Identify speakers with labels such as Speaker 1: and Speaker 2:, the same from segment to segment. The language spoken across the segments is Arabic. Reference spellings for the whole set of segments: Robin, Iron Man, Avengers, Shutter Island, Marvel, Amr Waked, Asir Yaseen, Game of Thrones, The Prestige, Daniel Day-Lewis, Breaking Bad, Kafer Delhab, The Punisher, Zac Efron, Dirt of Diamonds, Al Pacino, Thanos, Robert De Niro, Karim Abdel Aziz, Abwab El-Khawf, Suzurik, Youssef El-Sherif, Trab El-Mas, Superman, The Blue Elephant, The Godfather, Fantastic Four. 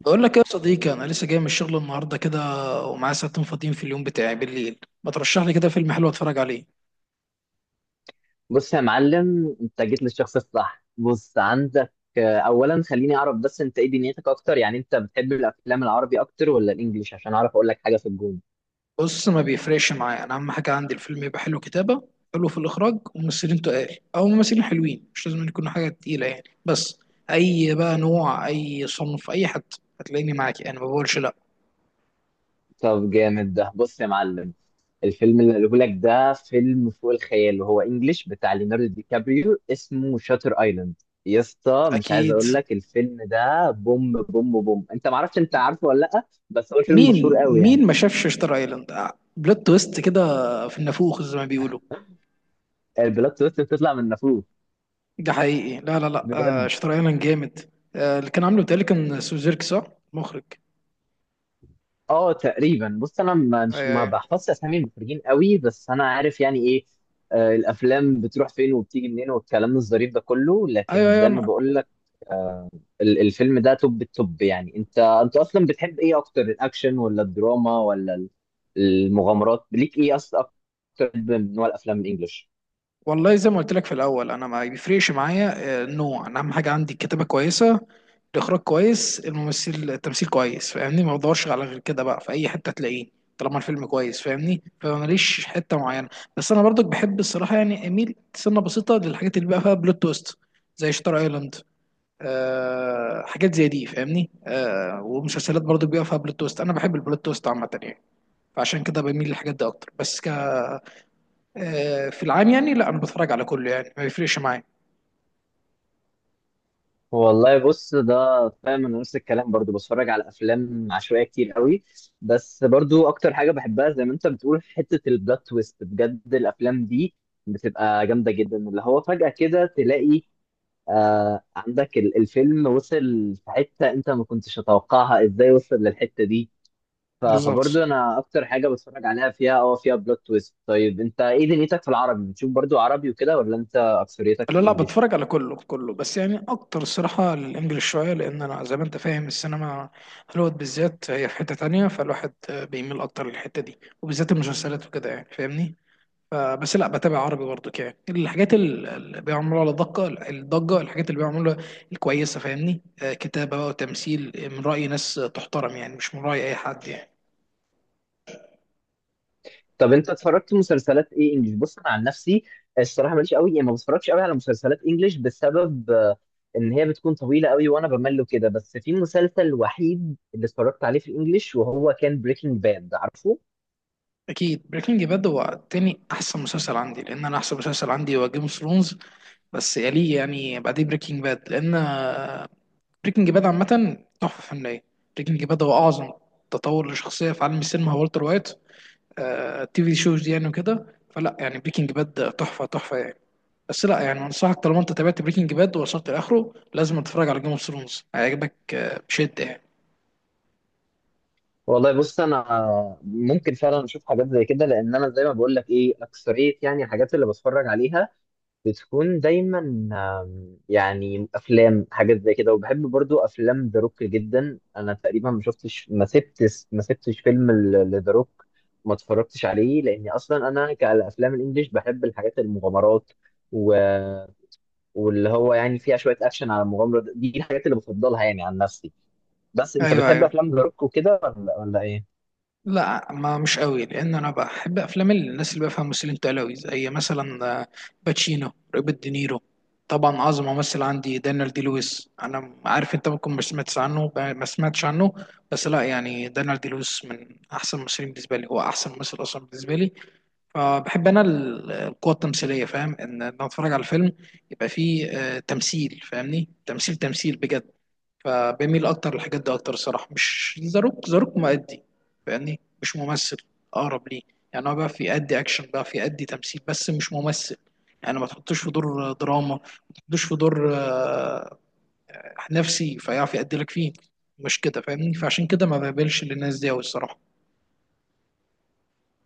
Speaker 1: بقول لك إيه يا صديقي، انا لسه جاي من الشغل النهارده كده، ومعايا ساعتين فاضيين في اليوم بتاعي بالليل. ما ترشح لي كده فيلم حلو اتفرج عليه؟
Speaker 2: بص يا معلم، انت جيت للشخص الصح. بص عندك. اولا خليني اعرف بس انت ايه دنيتك اكتر؟ يعني انت بتحب الافلام العربي اكتر ولا الانجليش، عشان اعرف اقول لك حاجه في الجون.
Speaker 1: بص، ما بيفرقش معايا، انا اهم حاجه عندي الفيلم يبقى حلو كتابه، حلو في الاخراج، وممثلين تقال او ممثلين حلوين، مش لازم يكون حاجه تقيله يعني. بس اي بقى نوع، اي صنف، اي حد هتلاقيني معاك، يعني ما بقولش لا.
Speaker 2: طب جامد ده. بص يا معلم، الفيلم اللي قاله لك ده فيلم فوق الخيال، وهو انجليش بتاع ليوناردو دي كابريو، اسمه شاتر ايلاند. يا اسطى مش عايز
Speaker 1: اكيد.
Speaker 2: اقول لك الفيلم ده بوم بوم بوم. انت معرفش؟ انت عارفه ولا لا؟ بس هو الفيلم مشهور
Speaker 1: مين
Speaker 2: قوي يعني.
Speaker 1: مين ما شافش شتر ايلاند؟ بلوت تويست كده في النافوخ زي ما بيقولوا.
Speaker 2: البلوت تويست بتطلع من نافوخ؟
Speaker 1: ده حقيقي، لا لا لا. آه،
Speaker 2: بجد؟
Speaker 1: شاتر ايلاند جامد. آه، اللي كان عامله بتهيألي كان سوزيرك صح؟ مخرج.
Speaker 2: اه تقريبا. بص انا ما- مش
Speaker 1: ايوه
Speaker 2: ما
Speaker 1: ايوه.
Speaker 2: بحفظش اسامي المخرجين قوي، بس انا عارف يعني ايه. الافلام بتروح فين وبتيجي منين والكلام الظريف ده كله. لكن
Speaker 1: ايوه ايوه
Speaker 2: زي ما بقول لك، الفيلم ده توب التوب يعني. انت اصلا بتحب ايه اكتر؟ الاكشن ولا الدراما ولا المغامرات؟ ليك ايه اصلا اكتر من نوع الافلام الانجليش؟
Speaker 1: والله زي ما قلت لك في الاول انا ما بيفرقش معايا. النوع انا اهم حاجه عندي الكتابه كويسه، الاخراج كويس، الممثل التمثيل كويس، فاهمني؟ ما بدورش على غير كده بقى، في اي حته تلاقيه طالما الفيلم كويس فاهمني، فماليش حته معينه. بس انا برضك بحب الصراحه، يعني اميل سنه بسيطه للحاجات اللي بقى فيها بلوت تويست، زي شاتر ايلاند. آه، حاجات زي دي فاهمني، آه، ومسلسلات برضو بيبقى فيها بلوت تويست. انا بحب البلوت تويست عامه يعني، فعشان كده بميل للحاجات دي اكتر. بس ك في العام يعني، لا انا بتفرج على كله يعني ما بيفرقش معايا.
Speaker 2: والله بص ده، فاهم انا نفس الكلام. برضو بتفرج على افلام عشوائيه كتير قوي، بس برضو اكتر حاجه بحبها، زي ما انت بتقول، حته البلوت تويست. بجد الافلام دي بتبقى جامده جدا، اللي هو فجاه كده تلاقي آه، عندك الفيلم وصل في حته انت ما كنتش تتوقعها، ازاي وصل للحته دي؟ ف-
Speaker 1: بالظبط.
Speaker 2: فبرضو انا اكتر حاجه بتفرج عليها فيها اه، فيها بلوت تويست. طيب انت ايه دنيتك في العربي؟ بتشوف برضو عربي وكده ولا انت اكثريتك في
Speaker 1: لا لا،
Speaker 2: الانجليش؟
Speaker 1: بتفرج على كله كله، بس يعني اكتر الصراحه الانجليش شويه، لان انا زي ما انت فاهم السينما هوليوود بالذات هي في حته تانية، فالواحد بيميل اكتر للحته دي، وبالذات المسلسلات وكده يعني فاهمني. بس لا بتابع عربي برضه، يعني الحاجات اللي بيعملوا على الضجه الحاجات اللي بيعملوها الكويسه فاهمني، كتابه بقى وتمثيل، من راي ناس تحترم يعني، مش من راي اي حد يعني.
Speaker 2: طب انت اتفرجت مسلسلات ايه انجليش؟ بص انا عن نفسي الصراحه ماليش قوي، يعني ما بتفرجش قوي على مسلسلات انجليش بسبب ان هي بتكون طويله قوي وانا بمل كده. بس في مسلسل وحيد اللي اتفرجت عليه في الانجليش وهو كان بريكنج باد، عارفه؟
Speaker 1: اكيد، بريكنج باد هو تاني احسن مسلسل عندي، لان انا احسن مسلسل عندي هو جيم اوف ثرونز، بس يليه يعني، بعديه بريكنج باد. لان بريكنج باد عامه تحفه فنيه. بريكنج باد هو اعظم تطور لشخصيه في عالم السينما، هو والتر وايت، التي في شوز دي يعني وكده. فلا يعني، بريكنج باد تحفه تحفه يعني. بس لا يعني، انصحك طالما انت تابعت بريكنج باد ووصلت لاخره، لازم تتفرج على جيم اوف ثرونز، هيعجبك بشده يعني.
Speaker 2: والله بص انا ممكن فعلا اشوف حاجات زي كده، لان انا زي ما بقول لك ايه، اكثريه يعني الحاجات اللي بتفرج عليها بتكون دايما يعني افلام حاجات زي كده. وبحب برضو افلام ذا روك جدا. انا تقريبا ما شفتش ما سبتش فيلم لذا روك ما اتفرجتش عليه، لاني اصلا انا كالافلام الانجليش بحب الحاجات المغامرات و... واللي هو يعني فيها شويه اكشن على المغامره دي، الحاجات اللي بفضلها يعني عن نفسي. بس انت
Speaker 1: ايوه
Speaker 2: بتحب
Speaker 1: ايوه.
Speaker 2: افلام ذا روك وكده ولا ايه؟
Speaker 1: لا، ما مش قوي، لان انا بحب افلام الناس اللي بفهم، ممثلين تقال قوي، زي مثلا باتشينو، روبرت دينيرو، طبعا اعظم ممثل عندي دانيال دي لويس، انا عارف انت ممكن ما سمعتش عنه. بس لا يعني، دانيال دي لويس من احسن الممثلين بالنسبه لي، هو احسن ممثل اصلا بالنسبه لي. فبحب انا القوة التمثيلية، فاهم ان انا اتفرج على الفيلم يبقى فيه تمثيل، فاهمني؟ تمثيل بجد. فبميل اكتر للحاجات دي اكتر الصراحة، مش زاروك مؤدي فاهمني، مش ممثل اقرب ليه، يعني هو بقى في يأدي اكشن، بقى في يأدي تمثيل، بس مش ممثل يعني. ما تحطوش في دور دراما، ما تحطوش في دور نفسي فيعرف يأدي لك فيه، مش كده فاهمني؟ فعشان كده ما بقبلش للناس دي أوي الصراحة.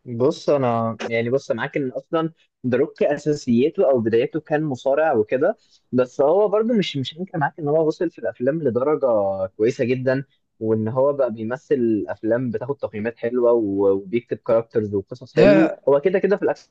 Speaker 2: بص انا يعني، بص أنا معاك ان اصلا ذا روك اساسيته او بدايته كان مصارع وكده، بس هو برضو مش هنكر معاك ان هو وصل في الافلام لدرجه كويسه جدا، وان هو بقى بيمثل افلام بتاخد تقييمات حلوه وبيكتب كاركترز وقصص حلوه.
Speaker 1: ده
Speaker 2: هو كده كده في الاكشن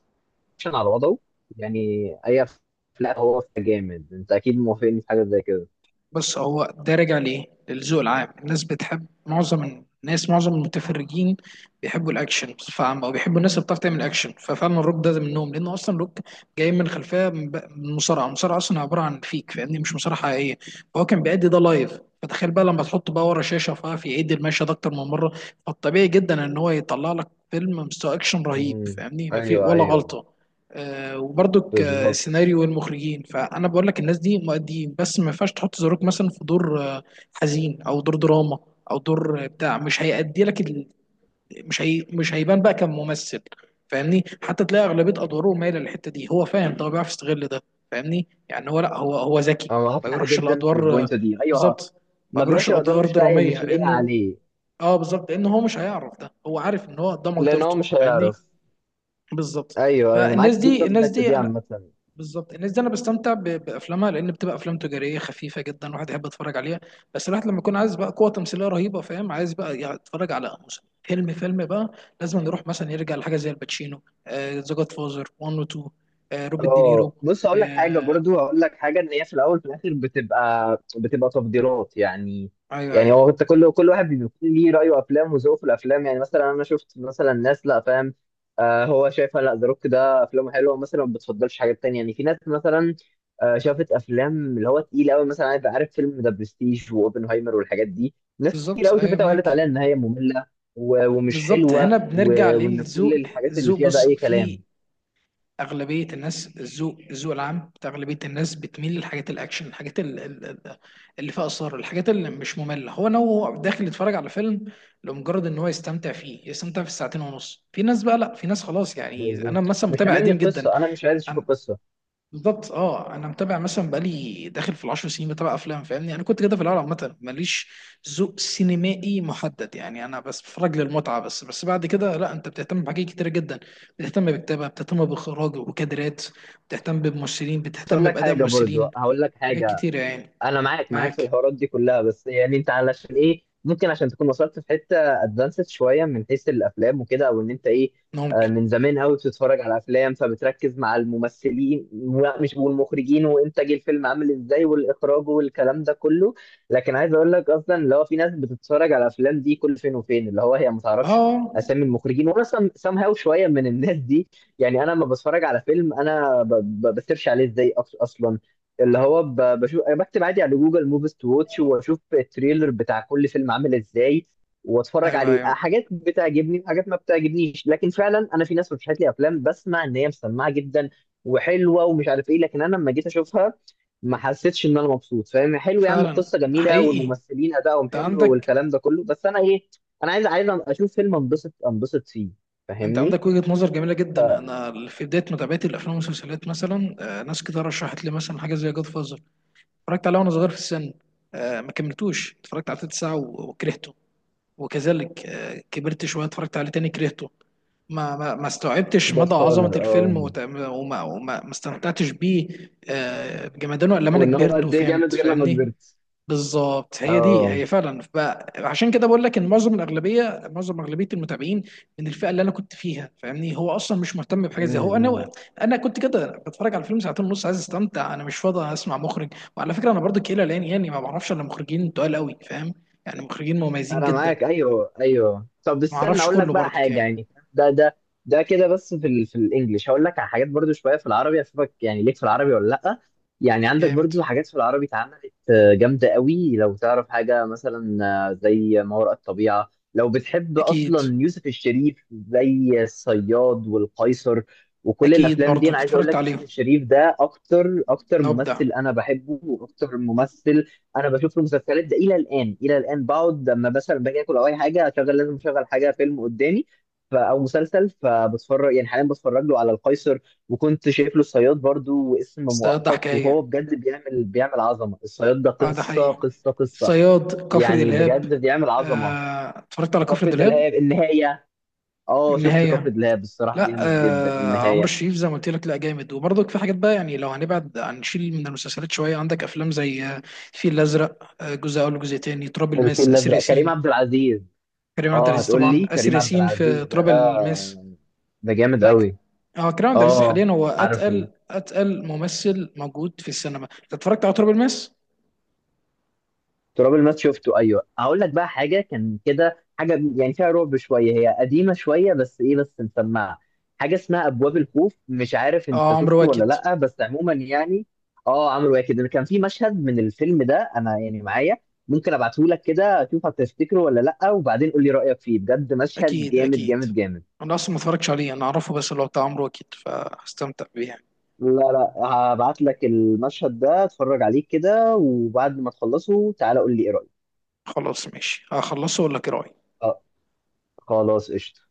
Speaker 2: على وضعه يعني، اي افلام هو جامد. انت اكيد موافقني في حاجه زي كده.
Speaker 1: بص، هو ده راجع ليه للذوق العام. الناس بتحب، معظم الناس معظم المتفرجين بيحبوا الاكشن بصفه عامه، او بيحبوا الناس اللي بتعرف تعمل اكشن، ففعلا الروك ده منهم، لان اصلا الروك جاي من خلفيه من من مصارعه. المصارعه اصلا عباره عن فيك فاهمني، مش مصارعه حقيقيه. فهو كان بيأدي ده لايف، فتخيل بقى لما تحطه بقى ورا شاشه، ففي يعيد المشهد ده اكتر من مره. فالطبيعي جدا ان هو يطلع لك فيلم مستوى اكشن رهيب
Speaker 2: امم،
Speaker 1: فاهمني، ما في
Speaker 2: ايوه
Speaker 1: ولا
Speaker 2: ايوه،
Speaker 1: غلطه. وبرده
Speaker 2: بالظبط.
Speaker 1: السيناريو والمخرجين. فانا بقول لك الناس دي مؤديين، بس ما ينفعش تحط زاروك مثلا في دور حزين او دور دراما، او دور بتاع، مش هيأدي لك ال... مش هي... مش هيبان بقى كممثل فاهمني. حتى تلاقي اغلبيه ادواره مايله للحته دي، هو فاهم ده، هو بيعرف يستغل ده فاهمني، يعني هو لا هو هو ذكي.
Speaker 2: انا معاك
Speaker 1: ما
Speaker 2: حق
Speaker 1: بيروحش
Speaker 2: جدا في
Speaker 1: الادوار
Speaker 2: البوينت دي، ايوه.
Speaker 1: بالظبط. ما
Speaker 2: ما
Speaker 1: بيروحش
Speaker 2: بيروحش الادوار،
Speaker 1: الادوار
Speaker 2: مش لاقي
Speaker 1: دراميه،
Speaker 2: مش لاقي
Speaker 1: لانه
Speaker 2: عليه،
Speaker 1: اه بالظبط، لان هو مش هيعرف، ده هو عارف ان هو ده
Speaker 2: لان هو
Speaker 1: مقدرته
Speaker 2: مش
Speaker 1: فاهمني.
Speaker 2: هيعرف.
Speaker 1: بالظبط.
Speaker 2: ايوه ايوه، انا
Speaker 1: فالناس
Speaker 2: معاك
Speaker 1: دي
Speaker 2: جدا في
Speaker 1: الناس
Speaker 2: الحته
Speaker 1: دي
Speaker 2: دي عامه.
Speaker 1: بالظبط. الناس دي انا بستمتع بافلامها، لان بتبقى افلام تجاريه خفيفه جدا، الواحد يحب يتفرج عليها. بس الواحد لما يكون عايز بقى قوه تمثيليه رهيبه فاهم، عايز بقى يتفرج على فيلم فيلم بقى، لازم نروح مثلا يرجع لحاجه زي الباتشينو، ذا جاد فازر 1 و 2، روبرت دينيرو.
Speaker 2: اه بص
Speaker 1: في،
Speaker 2: هقول لك حاجه، برضو هقول لك حاجه، ان هي في الاول في الاخر بتبقى تفضيلات يعني.
Speaker 1: ايوه
Speaker 2: يعني
Speaker 1: ايوه.
Speaker 2: هو انت، كل واحد بيكون ليه رايه وافلام وذوقه في الافلام. يعني مثلا انا شفت مثلا ناس، لا فاهم آه، هو شايفها لا ذا روك ده افلامه حلوه مثلا، ما بتفضلش حاجات تانية. يعني في ناس مثلا آه، شافت افلام اللي هو تقيل قوي، مثلا عارف فيلم ذا برستيج واوبنهايمر والحاجات دي، ناس كتير
Speaker 1: بالظبط،
Speaker 2: قوي
Speaker 1: ايوه،
Speaker 2: شافتها وقالت
Speaker 1: معاك.
Speaker 2: عليها ان هي ممله ومش
Speaker 1: بالظبط، هنا
Speaker 2: حلوه
Speaker 1: بنرجع
Speaker 2: وان كل
Speaker 1: للذوق.
Speaker 2: الحاجات اللي
Speaker 1: الذوق
Speaker 2: فيها ده
Speaker 1: بص،
Speaker 2: اي
Speaker 1: في
Speaker 2: كلام.
Speaker 1: اغلبيه الناس الذوق العام بتاع اغلبيه الناس بتميل للحاجات الاكشن، الحاجات اللي فيها اثار، الحاجات اللي مش ممله، هو انا هو داخل يتفرج على فيلم لمجرد ان هو يستمتع فيه، يستمتع في الساعتين ونص. في ناس بقى لا، في ناس خلاص. يعني انا
Speaker 2: بالظبط،
Speaker 1: مثلا
Speaker 2: مش
Speaker 1: متابع
Speaker 2: هاممني
Speaker 1: قديم جدا.
Speaker 2: القصه، انا مش عايز اشوف
Speaker 1: أنا-
Speaker 2: القصه.
Speaker 1: بالظبط، اه انا متابع مثلا بقالي داخل في 10 سنين بتابع افلام فاهمني، انا كنت كده في الاول عامه ماليش ذوق سينمائي محدد يعني، انا بس بتفرج للمتعه بس. بس بعد كده لا، انت بتهتم بحاجات كتيره جدا، بتهتم بالكتابه، بتهتم باخراج وكادرات، بتهتم بممثلين،
Speaker 2: بس اقول
Speaker 1: بتهتم
Speaker 2: لك
Speaker 1: باداء
Speaker 2: حاجه، برضو
Speaker 1: ممثلين.
Speaker 2: هقول لك
Speaker 1: حاجات
Speaker 2: حاجه،
Speaker 1: كتيره يعني.
Speaker 2: انا معاك في
Speaker 1: معاك.
Speaker 2: الحوارات دي كلها، بس يعني انت علشان ايه؟ ممكن عشان تكون وصلت في حته ادفانسد شويه من حيث الافلام وكده، او ان انت ايه،
Speaker 1: ممكن.
Speaker 2: من زمان قوي بتتفرج على افلام فبتركز مع الممثلين و- مش والمخرجين وانتاج الفيلم عامل ازاي والاخراج والكلام ده كله. لكن عايز اقول لك اصلا، اللي هو في ناس بتتفرج على الافلام دي كل فين وفين، اللي هو هي ما تعرفش
Speaker 1: اه،
Speaker 2: اسامي المخرجين. وانا سام هاو شويه من الناس دي، يعني انا لما بتفرج على فيلم انا ب- ب- بسيرش عليه ازاي اصلا، اللي هو بشوف، أنا بكتب عادي على جوجل موفيز تو واتش واشوف التريلر بتاع كل فيلم عامل ازاي واتفرج
Speaker 1: ايوه
Speaker 2: عليه.
Speaker 1: ايوه.
Speaker 2: حاجات بتعجبني وحاجات ما بتعجبنيش، لكن فعلا انا في ناس رشحت لي افلام بسمع ان هي مسمعه جدا وحلوه ومش عارف ايه، لكن انا لما جيت اشوفها ما حسيتش ان انا مبسوط. فاهم، حلو يا عم،
Speaker 1: فعلا
Speaker 2: القصه جميله
Speaker 1: حقيقي.
Speaker 2: والممثلين ادائهم
Speaker 1: انت
Speaker 2: حلو
Speaker 1: عندك
Speaker 2: والكلام ده كله، بس انا ايه، انا عايز اشوف فيلم انبسط فيه،
Speaker 1: انت
Speaker 2: فاهمني.
Speaker 1: عندك وجهة نظر جميلة جدا. انا في بداية متابعتي للافلام والمسلسلات مثلا ناس كتير رشحت لي مثلا حاجة زي جاد فازر، اتفرجت عليه وانا صغير في السن، ما كملتوش، اتفرجت على تلت ساعة وكرهته. وكذلك كبرت شوية اتفرجت عليه تاني كرهته. ما استوعبتش
Speaker 2: جاد
Speaker 1: مدى عظمة
Speaker 2: فاذر اه،
Speaker 1: الفيلم وما وما ما استمتعتش بيه بجمدانه الا لما انا
Speaker 2: وان هو
Speaker 1: كبرت
Speaker 2: قد ايه
Speaker 1: وفهمت
Speaker 2: جامد غير لما
Speaker 1: فاهمني.
Speaker 2: كبرت.
Speaker 1: بالظبط، هي دي.
Speaker 2: اه،
Speaker 1: هي فعلا بقى عشان كده بقول لك ان معظم الاغلبيه، معظم اغلبيه المتابعين من الفئه اللي انا كنت فيها فاهمني، هو اصلا مش مهتم بحاجه زي هو
Speaker 2: امم،
Speaker 1: انا. انا كنت كده بتفرج على فيلم ساعتين ونص عايز استمتع، انا مش فاضي اسمع مخرج، وعلى فكره انا برضو كيلا، لان يعني ما بعرفش الا مخرجين تقال قوي فاهم، يعني مخرجين مميزين
Speaker 2: انا
Speaker 1: جدا
Speaker 2: معاك، ايوه ايوه. طب
Speaker 1: ما
Speaker 2: استنى
Speaker 1: اعرفش.
Speaker 2: اقول لك
Speaker 1: كله
Speaker 2: بقى
Speaker 1: برضو
Speaker 2: حاجه
Speaker 1: كان
Speaker 2: يعني، ده ده ده كده. بس في ال في الانجليش هقول لك على حاجات، برضو شويه في العربي اشوفك يعني، ليك في العربي ولا لا؟ يعني عندك
Speaker 1: جامد.
Speaker 2: برضو حاجات في العربي اتعملت جامده قوي، لو تعرف حاجه مثلا زي ما وراء الطبيعه. لو بتحب
Speaker 1: اكيد،
Speaker 2: اصلا يوسف الشريف، زي الصياد والقيصر وكل
Speaker 1: اكيد
Speaker 2: الافلام دي،
Speaker 1: برضو
Speaker 2: انا عايز اقول
Speaker 1: اتفرجت
Speaker 2: لك يوسف
Speaker 1: عليهم
Speaker 2: الشريف ده اكتر
Speaker 1: نبدع.
Speaker 2: ممثل انا بحبه، واكتر ممثل انا بشوف المسلسلات ده الى الان. الى الان بقعد لما مثلا باجي اكل او اي حاجه، اشغل، لازم اشغل حاجه فيلم قدامي ف او مسلسل، فبتفرج يعني. حاليا بتفرج له على القيصر، وكنت شايف له الصياد برضو واسم
Speaker 1: الصياد ده
Speaker 2: مؤقت، وهو
Speaker 1: حكايه،
Speaker 2: بجد بيعمل عظمه. الصياد ده
Speaker 1: اه ده
Speaker 2: قصه
Speaker 1: حقيقي.
Speaker 2: قصه،
Speaker 1: الصياد، كفر
Speaker 2: يعني بجد
Speaker 1: دلهاب،
Speaker 2: بيعمل عظمه.
Speaker 1: اتفرجت على كفر
Speaker 2: كفر
Speaker 1: دلهاب
Speaker 2: دلهاب النهايه، اه شفت كفر
Speaker 1: النهاية.
Speaker 2: دلهاب، الصراحه
Speaker 1: لا
Speaker 2: جامد جدا
Speaker 1: آه، عمرو
Speaker 2: النهايه.
Speaker 1: الشريف زي ما قلت لك، لا جامد. وبرضك في حاجات بقى يعني، لو هنبعد هنشيل من المسلسلات شوية، عندك أفلام زي الفيل الأزرق، جزء أول وجزء تاني، تراب الماس
Speaker 2: الفيل
Speaker 1: آسر
Speaker 2: الازرق كريم
Speaker 1: ياسين.
Speaker 2: عبد العزيز،
Speaker 1: كريم عبد
Speaker 2: اه
Speaker 1: العزيز
Speaker 2: هتقول
Speaker 1: طبعا،
Speaker 2: لي
Speaker 1: آسر
Speaker 2: كريم عبد
Speaker 1: ياسين في
Speaker 2: العزيز، ده
Speaker 1: تراب الماس.
Speaker 2: ده جامد
Speaker 1: لا،
Speaker 2: قوي.
Speaker 1: اه كريم عبد العزيز حاليا
Speaker 2: اه
Speaker 1: هو
Speaker 2: عارفه،
Speaker 1: أتقل أتقل ممثل موجود في السينما. أنت اتفرجت على تراب الماس؟
Speaker 2: تراب الماس شفته ايوه. هقول لك بقى حاجه، كان كده حاجه يعني فيها رعب شويه، هي قديمه شويه بس ايه بس مسمعه، حاجه اسمها ابواب الخوف. مش عارف انت
Speaker 1: اه، عمرو
Speaker 2: شفته ولا
Speaker 1: واكد.
Speaker 2: لا، بس عموما يعني اه، عملوا ايه كده. كان في مشهد من الفيلم ده انا يعني معايا، ممكن ابعته لك كده شوف هتفتكره ولا لا، وبعدين قول لي رايك فيه. بجد مشهد
Speaker 1: أكيد
Speaker 2: جامد
Speaker 1: أكيد.
Speaker 2: جامد جامد
Speaker 1: أنا أصلا ما اتفرجتش عليه، أنا أعرفه بس اللي هو بتاع عمرو واكد، فهستمتع بيه يعني.
Speaker 2: لا لا، هبعت لك المشهد ده، اتفرج عليه كده، وبعد ما تخلصه تعالى قول لي ايه رايك.
Speaker 1: خلاص ماشي، هخلصه ولا إيه رأيك؟
Speaker 2: اه، خلاص قشطة.